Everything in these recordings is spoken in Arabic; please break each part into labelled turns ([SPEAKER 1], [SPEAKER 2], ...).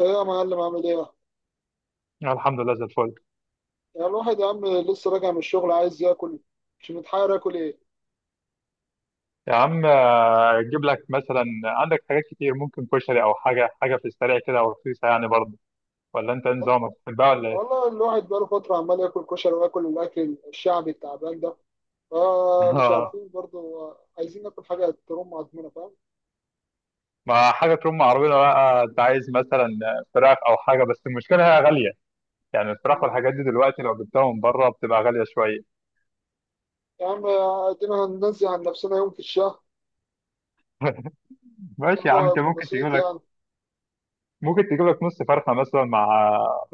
[SPEAKER 1] ايه يا معلم عامل ايه؟
[SPEAKER 2] الحمد لله زي الفل.
[SPEAKER 1] يعني الواحد يا عم لسه راجع من الشغل عايز ياكل، مش متحير ياكل ايه؟
[SPEAKER 2] يا عم اجيب لك مثلا عندك حاجات كتير، ممكن كشري او حاجه في السريع كده او رخيصه يعني برضه. ولا انت إيه نظامك، بتحبها ولا ايه؟
[SPEAKER 1] والله الواحد بقاله فترة عمال ياكل كشري وياكل الأكل الشعبي التعبان ده، فمش
[SPEAKER 2] آه،
[SPEAKER 1] عارفين برضه، عايزين ناكل حاجة ترم عضمنا، فاهم؟
[SPEAKER 2] ما حاجه تكون معروضه بقى، انت عايز مثلا فراخ او حاجه، بس المشكله هي غاليه. يعني الفراخ
[SPEAKER 1] مم.
[SPEAKER 2] والحاجات دي دلوقتي لو جبتها من بره بتبقى غاليه شويه.
[SPEAKER 1] يا عم ادينا هننزل عن نفسنا يوم في الشهر،
[SPEAKER 2] ماشي يا عم،
[SPEAKER 1] الموضوع
[SPEAKER 2] انت
[SPEAKER 1] هيبقى
[SPEAKER 2] ممكن تجيب
[SPEAKER 1] بسيط
[SPEAKER 2] لك،
[SPEAKER 1] يعني.
[SPEAKER 2] ممكن تجيب لك نص فرخه مثلا مع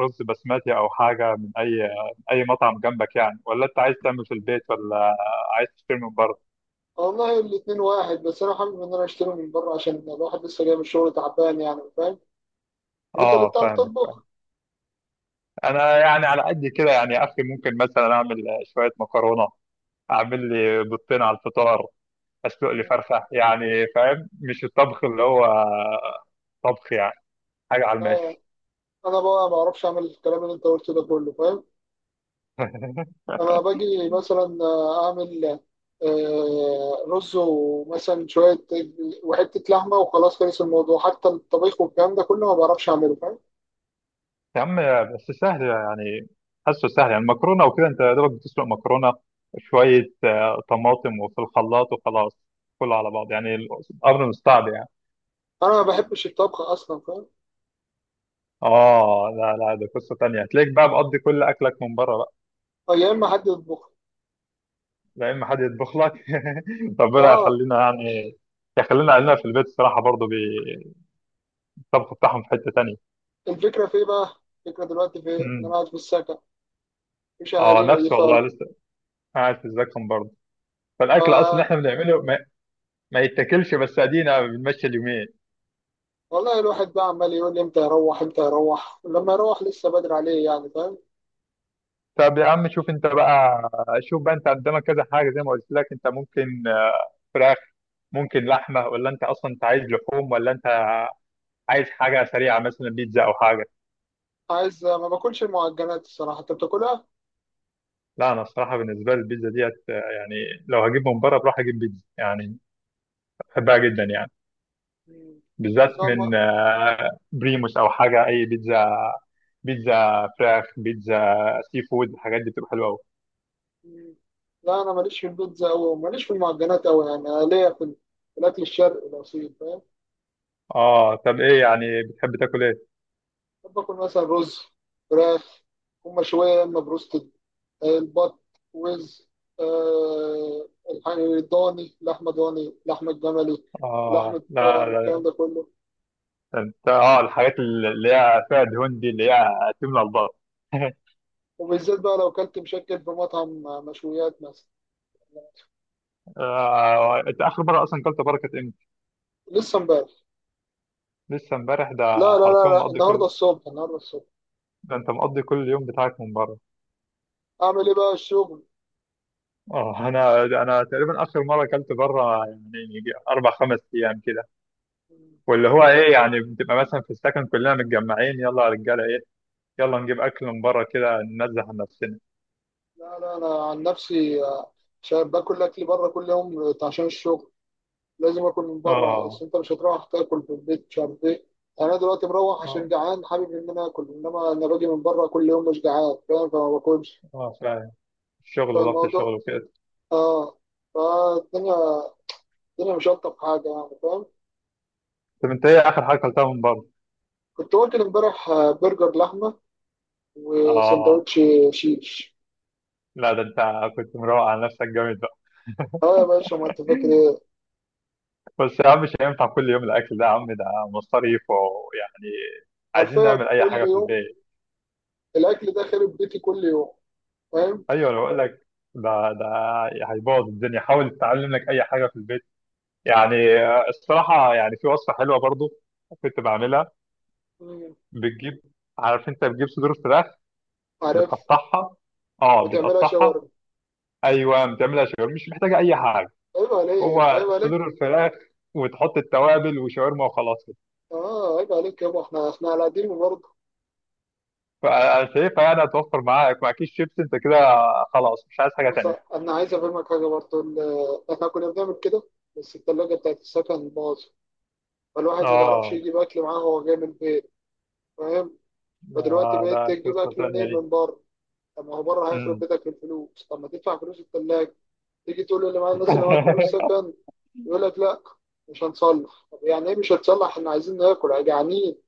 [SPEAKER 2] رز بسمتي، او حاجه من اي مطعم جنبك يعني. ولا انت عايز تعمل في البيت، ولا عايز تشتري من بره؟
[SPEAKER 1] والله الاتنين واحد، بس أنا حابب إن أنا أشتري من بره عشان الواحد لسه جاي من الشغل تعبان يعني، فاهم؟ طب أنت اللي
[SPEAKER 2] اه
[SPEAKER 1] بتعرف
[SPEAKER 2] فاهم.
[SPEAKER 1] تطبخ؟
[SPEAKER 2] انا يعني على قد كده يعني، يا اخي ممكن مثلا اعمل شويه مكرونه، اعمل لي بيضتين على الفطار، اسلق لي
[SPEAKER 1] مم.
[SPEAKER 2] فرخه يعني. فاهم مش الطبخ اللي هو طبخ يعني، حاجه على
[SPEAKER 1] لا
[SPEAKER 2] الماشي.
[SPEAKER 1] أنا بقى ما أعرفش أعمل الكلام اللي أنت قلته ده كله، فاهم؟ انا باجي مثلا اعمل رز ومثلا شويه وحته لحمه وخلاص، خلص الموضوع. حتى الطبيخ والكلام ده كله ما بعرفش اعمله، فاهم.
[SPEAKER 2] يا عم بس سهل يعني، حاسه سهل يعني. المكرونه وكده انت يا دوبك بتسلق مكرونه شويه، طماطم وفي الخلاط وخلاص، كله على بعض يعني. الامر مش صعب يعني.
[SPEAKER 1] انا ما بحبش الطبخ اصلا، فاهم.
[SPEAKER 2] اه، لا لا، ده قصه تانية، هتلاقيك بقى مقضي كل اكلك من بره.
[SPEAKER 1] أو يا اما حد يطبخ.
[SPEAKER 2] لا اما حد يطبخ لك. ربنا
[SPEAKER 1] اه.
[SPEAKER 2] يخلينا يعني، يخلينا اهلنا في البيت الصراحه، برضه بالطبخ بتاعهم في حته تانية.
[SPEAKER 1] الفكره في ايه بقى، الفكره دلوقتي في ايه، ان
[SPEAKER 2] امم
[SPEAKER 1] انا قاعد في السكن مش
[SPEAKER 2] اه
[SPEAKER 1] اهالينا دي
[SPEAKER 2] نفسي
[SPEAKER 1] خالص.
[SPEAKER 2] والله لسه قاعد في الزكم برضه. فالاكل اصلا اللي
[SPEAKER 1] آه.
[SPEAKER 2] احنا بنعمله ما يتاكلش، بس ادينا بنمشي اليومين.
[SPEAKER 1] والله الواحد بقى عمال يقول لي امتى يروح امتى يروح، لما يروح لسه بدري عليه يعني، فاهم.
[SPEAKER 2] طب يا عم شوف انت بقى، شوف بقى انت قدامك كذا حاجه زي ما قلت لك، انت ممكن فراخ، ممكن لحمه. ولا انت اصلا انت عايز لحوم، ولا انت عايز حاجه سريعه مثلا بيتزا او حاجه؟
[SPEAKER 1] عايز، ما باكلش المعجنات، الصراحه انت بتاكلها؟
[SPEAKER 2] لا انا الصراحه بالنسبه لي البيتزا ديت يعني، لو هجيب من بره بروح اجيب بيتزا يعني. بحبها جدا يعني،
[SPEAKER 1] مم.
[SPEAKER 2] بالذات من بريموس او حاجه. اي بيتزا، بيتزا فراخ، بيتزا سي فود، الحاجات دي بتبقى حلوه قوي.
[SPEAKER 1] لا انا ماليش في البيتزا قوي وماليش في المعجنات قوي، يعني أنا ليا في في الاكل الشرقي الاصيل، فاهم.
[SPEAKER 2] اه طب ايه يعني بتحب تاكل ايه؟
[SPEAKER 1] بحب اكل مثلا رز، فراخ، هم شويه، يا اما بروستد، البط، وز، الضاني، لحمه ضاني، لحمه جملي،
[SPEAKER 2] اه
[SPEAKER 1] لحمه
[SPEAKER 2] لا
[SPEAKER 1] بقر،
[SPEAKER 2] لا لا،
[SPEAKER 1] الكلام ده كله.
[SPEAKER 2] انت اه الحاجات اللي هي فيها دهون دي اللي هي تملى البطن.
[SPEAKER 1] وبالذات بقى لو كلت مشكل في مطعم، مشويات مثلا.
[SPEAKER 2] انت اخر مره اصلا كلت بره كانت امتى؟
[SPEAKER 1] لسه امبارح.
[SPEAKER 2] لسه امبارح ده؟
[SPEAKER 1] لا لا
[SPEAKER 2] حرفيا
[SPEAKER 1] لا لا
[SPEAKER 2] مقضي
[SPEAKER 1] النهارده
[SPEAKER 2] كل،
[SPEAKER 1] الصبح، النهارده الصبح.
[SPEAKER 2] ده انت مقضي كل يوم بتاعك من بره.
[SPEAKER 1] اعمل ايه بقى، الشغل.
[SPEAKER 2] اه انا تقريبا اخر مره اكلت بره يعني يجي اربع خمس ايام كده. واللي هو ايه يعني، بتبقى مثلا في السكن كلنا متجمعين، يلا يا رجاله ايه، يلا نجيب اكل من بره كده، ننزه عن نفسنا.
[SPEAKER 1] لا لا، انا عن نفسي شايف باكل اكل بره كل يوم، عشان الشغل لازم اكل من بره، بس
[SPEAKER 2] اه
[SPEAKER 1] انت مش هتروح تاكل في البيت مش عارف ايه. يعني انا دلوقتي مروح عشان
[SPEAKER 2] اه،
[SPEAKER 1] جعان، حابب ان انا اكل، انما انا باجي من بره كل يوم مش جعان، فاهم، فما باكلش.
[SPEAKER 2] اه فعلا، الشغل وضغط الشغل
[SPEAKER 1] فالموضوع،
[SPEAKER 2] وكده.
[SPEAKER 1] اه، فالدنيا، الدنيا مش الطف حاجه يعني، فاهم.
[SPEAKER 2] طب انت ايه اخر حاجه اكلتها من بره؟
[SPEAKER 1] كنت واكل امبارح برجر لحمه
[SPEAKER 2] اه
[SPEAKER 1] وسندوتش شيش.
[SPEAKER 2] لا ده انت كنت مروق على نفسك جامد بقى.
[SPEAKER 1] اه يا باشا، ما انت فاكر ايه.
[SPEAKER 2] بس يا عم مش هينفع كل يوم الاكل ده، يا عم ده مصاريف ويعني، عايزين
[SPEAKER 1] حرفيا
[SPEAKER 2] نعمل اي
[SPEAKER 1] كل
[SPEAKER 2] حاجه في
[SPEAKER 1] يوم
[SPEAKER 2] البيت.
[SPEAKER 1] الاكل ده خارب بيتي، كل يوم، فاهم.
[SPEAKER 2] ايوه انا بقول لك، ده هيبوظ الدنيا، حاول تتعلم لك اي حاجه في البيت. يعني الصراحة يعني في وصفة حلوة برضو، كنت بعملها.
[SPEAKER 1] مم.
[SPEAKER 2] بتجيب، عارف انت بتجيب صدور فراخ،
[SPEAKER 1] عارف.
[SPEAKER 2] بتقطعها. اه
[SPEAKER 1] وتعملها
[SPEAKER 2] بتقطعها،
[SPEAKER 1] شاورما.
[SPEAKER 2] ايوه بتعملها شاورما، مش محتاجة اي حاجة.
[SPEAKER 1] عيب عليك،
[SPEAKER 2] هو
[SPEAKER 1] عيب عليك.
[SPEAKER 2] صدور الفراخ وتحط التوابل وشاورما وخلاص كده.
[SPEAKER 1] اه عيب عليك يابا، احنا على قديم برضه.
[SPEAKER 2] فانا شايفها يعني هتوفر معاك مع كيس شيبس انت كده، خلاص مش عايز حاجة
[SPEAKER 1] بص
[SPEAKER 2] تانية.
[SPEAKER 1] انا عايز افهمك حاجه برضه، احنا كنا بنعمل كده، بس التلاجه بتاعت السكن باظت، فالواحد ما بيعرفش
[SPEAKER 2] اه
[SPEAKER 1] يجيب اكل معاه هو جاي من البيت، فاهم.
[SPEAKER 2] ده
[SPEAKER 1] فدلوقتي
[SPEAKER 2] ده
[SPEAKER 1] بقيت تجيب
[SPEAKER 2] قصة
[SPEAKER 1] اكل
[SPEAKER 2] تانية
[SPEAKER 1] منين؟
[SPEAKER 2] دي.
[SPEAKER 1] من بره. طب ما هو بره هيخرب
[SPEAKER 2] مم.
[SPEAKER 1] بيتك في الفلوس، طب ما تدفع فلوس التلاجه، تيجي تقول اللي معايا الناس اللي معاك فلوس سكن، يقول لك لا مش هنصلح. طب يعني ايه مش هتصلح، احنا عايزين ناكل، جعانين.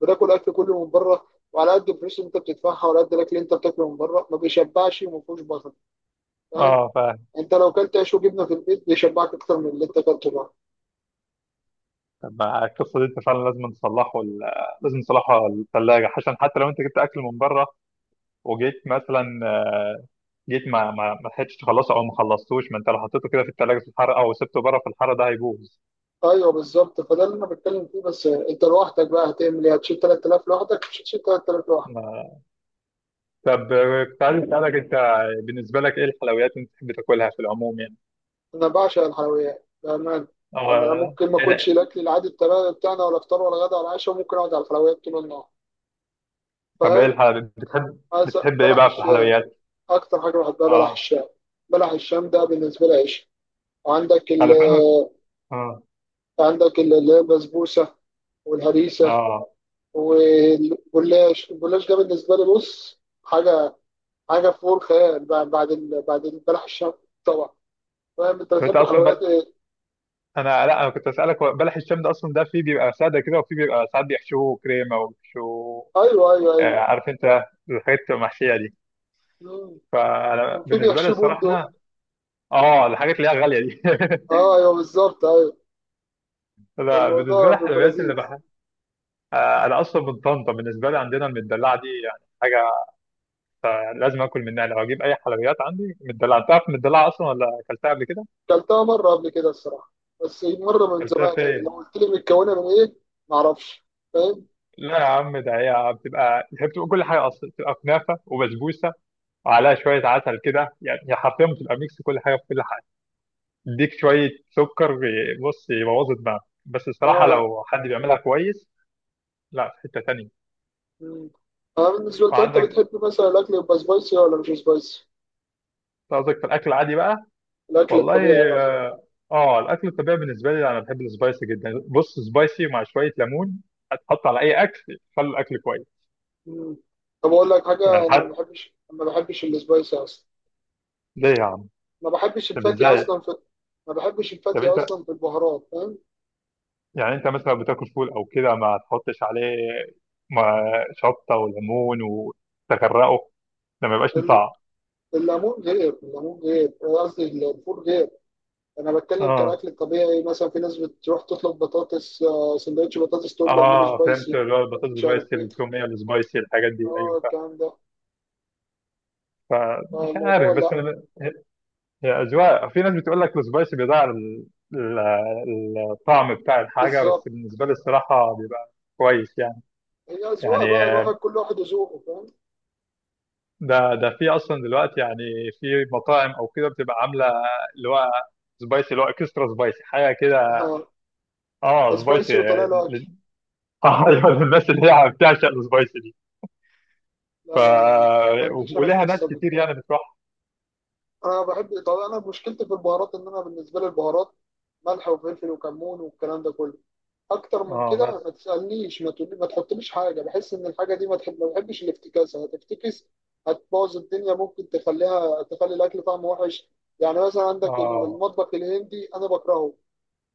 [SPEAKER 1] بتاكل اكل كله من بره، وعلى قد الفلوس اللي انت بتدفعها وعلى قد الاكل اللي انت بتاكله من بره ما بيشبعش وما فيهوش بطل، فاهم.
[SPEAKER 2] اه
[SPEAKER 1] انت لو كلت عيش وجبنه في البيت بيشبعك اكتر من اللي انت كلته بره.
[SPEAKER 2] طب ما القصه دي انت فعلا لازم تصلحه لازم تصلحه الثلاجه، عشان حتى لو انت جبت اكل من بره وجيت مثلا، جيت ما لحقتش تخلصه او ما خلصتوش، ما انت لو حطيته كده في الثلاجه في الحر او سبته بره في الحر ده هيبوظ.
[SPEAKER 1] ايوه بالظبط، فده اللي انا بتكلم فيه. بس انت لوحدك بقى هتعمل ايه، هتشيل 3000 لوحدك؟ مش هتشيل 3000 لوحدك.
[SPEAKER 2] ما- طب كنت عايز اسالك انت، بالنسبه لك ايه الحلويات اللي بتحب تاكلها في العموم يعني؟
[SPEAKER 1] انا بعشق الحلويات بامان. يعني انا
[SPEAKER 2] اه
[SPEAKER 1] ممكن ما
[SPEAKER 2] ايه
[SPEAKER 1] اكلش
[SPEAKER 2] ده؟
[SPEAKER 1] الاكل العادي بتاعنا ولا افطار ولا غدا ولا عشاء، وممكن اقعد على الحلويات طول النهار،
[SPEAKER 2] طب ايه
[SPEAKER 1] فاهم.
[SPEAKER 2] الحلويات بتحب بتحب ايه
[SPEAKER 1] بلح
[SPEAKER 2] بقى في
[SPEAKER 1] الشام،
[SPEAKER 2] الحلويات؟
[SPEAKER 1] اكتر حاجه بحبها بلح
[SPEAKER 2] اه
[SPEAKER 1] الشام. بلح الشام ده بالنسبه لي عيش. وعندك
[SPEAKER 2] على فعلا.
[SPEAKER 1] ال-
[SPEAKER 2] اه
[SPEAKER 1] عندك اللي هي البسبوسه والهريسه
[SPEAKER 2] اه
[SPEAKER 1] والجلاش. الجلاش ده بالنسبه لي، بص، حاجه فوق الخيال، بعد البلح الشام طبعا، فاهم. انت
[SPEAKER 2] طب انت
[SPEAKER 1] بتحب حلويات
[SPEAKER 2] اصلا،
[SPEAKER 1] ايه؟
[SPEAKER 2] انا لا انا كنت اسالك هو بلح الشام ده اصلا ده فيه بيبقى ساده كده، وفيه بيبقى ساعات بيحشوه كريمه وبيحشوه
[SPEAKER 1] ايوه، ايوه، ايوه.
[SPEAKER 2] عارف انت الحاجات بتبقى محشيه دي.
[SPEAKER 1] مم.
[SPEAKER 2] فانا
[SPEAKER 1] وفي
[SPEAKER 2] بالنسبه لي
[SPEAKER 1] بيحشي
[SPEAKER 2] الصراحه
[SPEAKER 1] بندق.
[SPEAKER 2] اه الحاجات اللي هي غاليه دي.
[SPEAKER 1] اه ايوه بالظبط، ايوه.
[SPEAKER 2] لا بالنسبه
[SPEAKER 1] الموضوع
[SPEAKER 2] لي
[SPEAKER 1] بيبقى
[SPEAKER 2] الحلويات
[SPEAKER 1] لذيذ.
[SPEAKER 2] انا اصلا من طنطا، بالنسبه لي عندنا المدلعه دي يعني حاجه، يعني لازم اكل منها لو اجيب اي حلويات. عندي مدلعه، انت عارف المدلعه اصلا، ولا اكلتها قبل كده؟
[SPEAKER 1] كلتها مره قبل كده الصراحه، بس مره من
[SPEAKER 2] اكلتها
[SPEAKER 1] زمان يعني، لو
[SPEAKER 2] فين؟
[SPEAKER 1] قلت لي متكونه من ايه ما اعرفش، فاهم.
[SPEAKER 2] لا يا عم ده هي بتبقى كل حاجه اصلا بتبقى كنافه وبسبوسه وعليها شوية عسل كده يعني. هي حرفيا بتبقى ميكس كل حاجة في كل حاجة، اديك شوية سكر بص يبوظ دماغك بس الصراحة
[SPEAKER 1] اه.
[SPEAKER 2] لو حد بيعملها كويس. لا في حتة تانية.
[SPEAKER 1] مم. انا بالنسبه لي، طب انت
[SPEAKER 2] وعندك،
[SPEAKER 1] بتحب مثلا الاكل يبقى سبايسي ولا مش سبايسي؟
[SPEAKER 2] قصدك في الأكل العادي بقى؟
[SPEAKER 1] الاكل
[SPEAKER 2] والله،
[SPEAKER 1] الطبيعي.
[SPEAKER 2] اه الأكل الطبيعي بالنسبة لي أنا بحب السبايسي جدا، بص سبايسي مع شوية ليمون هتحط على أي أكل خلي الأكل كويس.
[SPEAKER 1] مم. طب اقول لك
[SPEAKER 2] يعني
[SPEAKER 1] حاجه، انا ما
[SPEAKER 2] حد،
[SPEAKER 1] بحبش السبايسي اصلا،
[SPEAKER 2] ليه يا عم؟
[SPEAKER 1] ما بحبش
[SPEAKER 2] طب
[SPEAKER 1] الفاتي
[SPEAKER 2] إزاي؟
[SPEAKER 1] اصلا في، ما بحبش
[SPEAKER 2] طب
[SPEAKER 1] الفاتي
[SPEAKER 2] أنت،
[SPEAKER 1] اصلا في البهارات، فاهم.
[SPEAKER 2] يعني أنت مثلا بتاكل فول أو كده ما تحطش عليه، ما شطة وليمون وتغرقه؟ ده ما يبقاش ليه
[SPEAKER 1] ال-
[SPEAKER 2] طعم.
[SPEAKER 1] الليمون غير، الليمون غير، قصدي الفول غير. انا بتكلم
[SPEAKER 2] اه،
[SPEAKER 1] كالاكل الطبيعي، مثلا في ناس بتروح تطلب بطاطس، سندوتش بطاطس تقول له اعمله
[SPEAKER 2] اه فهمت
[SPEAKER 1] سبايسي،
[SPEAKER 2] اللي هو البطاطس
[SPEAKER 1] مش عارف
[SPEAKER 2] سبايسي
[SPEAKER 1] ايه،
[SPEAKER 2] التوميه السبايسي الحاجات دي،
[SPEAKER 1] اه
[SPEAKER 2] ايوه فاهم.
[SPEAKER 1] الكلام ده.
[SPEAKER 2] فمش
[SPEAKER 1] فالموضوع
[SPEAKER 2] عارف بس
[SPEAKER 1] لا.
[SPEAKER 2] انا هي، هي اذواق في ناس بتقول لك السبايسي بيضيع الطعم بتاع الحاجه، بس
[SPEAKER 1] بالظبط،
[SPEAKER 2] بالنسبه لي الصراحه بيبقى كويس يعني.
[SPEAKER 1] هي اذواق
[SPEAKER 2] يعني
[SPEAKER 1] بقى، الواحد كل واحد وذوقه، فاهم.
[SPEAKER 2] ده في اصلا دلوقتي يعني في مطاعم او كده بتبقى عامله اللي هو سبايسي، اللي هو اكسترا سبايسي حاجه كده.
[SPEAKER 1] آه،
[SPEAKER 2] اه سبايسي
[SPEAKER 1] سبايسي وطلع له اكل.
[SPEAKER 2] لل- اه ايوه للناس اللي هي بتعشق السبايسي دي. ف
[SPEAKER 1] لا لا، انا ما عنديش انا
[SPEAKER 2] ولها ناس
[SPEAKER 1] القصه دي.
[SPEAKER 2] كتير يعني بتروح.
[SPEAKER 1] انا بحب، طب انا مشكلتي في البهارات، ان انا بالنسبه لي البهارات ملح وفلفل وكمون والكلام ده كله، اكتر من
[SPEAKER 2] اه
[SPEAKER 1] كده
[SPEAKER 2] بس
[SPEAKER 1] ما تسالنيش، ما تقولي، ما تحطليش حاجه، بحس ان الحاجه دي ما تحب، ما بحبش الافتكاسه، هتفتكس هتبوظ الدنيا، ممكن تخليها تخلي الاكل طعمه وحش. يعني مثلا عندك
[SPEAKER 2] اه
[SPEAKER 1] المطبخ الهندي انا بكرهه،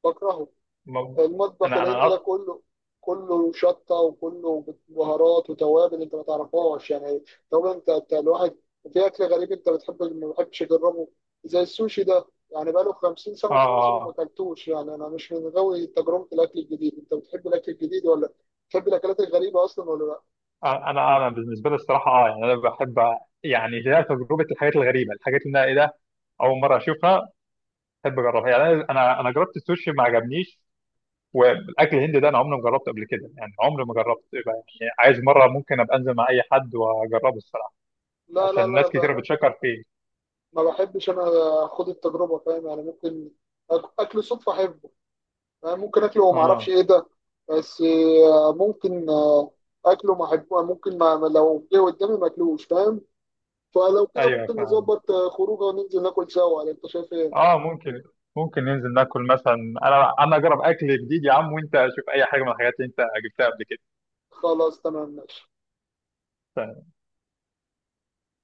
[SPEAKER 1] بكرهه
[SPEAKER 2] ما-
[SPEAKER 1] المطبخ
[SPEAKER 2] انا انا
[SPEAKER 1] الهندي ده
[SPEAKER 2] أط...
[SPEAKER 1] كله، كله شطه وكله بهارات وتوابل انت ما تعرفهاش يعني. طب انت، انت الواحد في اكل غريب انت بتحب ما بتحبش تجربه؟ زي السوشي ده يعني بقاله 50 سنه في مصر وما
[SPEAKER 2] اه
[SPEAKER 1] اكلتوش يعني، انا مش من غاوي تجربه الاكل الجديد، انت بتحب الاكل الجديد ولا بتحب الاكلات الغريبه اصلا ولا لا؟
[SPEAKER 2] انا بالنسبه لي الصراحه اه يعني انا بحب، يعني هي تجربه الحاجات الغريبه الحاجات اللي انا ايه ده اول مره اشوفها، بحب اجربها يعني. انا انا جربت السوشي ما عجبنيش. والاكل الهندي ده انا عمري ما جربته قبل كده يعني عمري ما جربت يبقى يعني، عايز مره ممكن ابقى انزل مع اي حد واجربه الصراحه
[SPEAKER 1] لا لا
[SPEAKER 2] عشان
[SPEAKER 1] لا
[SPEAKER 2] ناس
[SPEAKER 1] ب-
[SPEAKER 2] كتير بتشكر فيه.
[SPEAKER 1] ما بحبش انا اخد التجربه، فاهم. يعني ممكن اكل صدفه احبه، ممكن اكله وما اعرفش
[SPEAKER 2] اه
[SPEAKER 1] ايه ده، بس ممكن اكله ما احبه، ممكن لو جه قدامي ما اكلوش، فاهم. فلو كده
[SPEAKER 2] ايوه،
[SPEAKER 1] ممكن نظبط خروجه وننزل ناكل سوا، ولا انت شايف ايه؟
[SPEAKER 2] اه ممكن، ممكن ننزل ناكل مثلا. انا اجرب اكل جديد يا عم، وانت اشوف اي حاجه من الحاجات اللي انت جبتها قبل كده.
[SPEAKER 1] خلاص تمام، ماشي.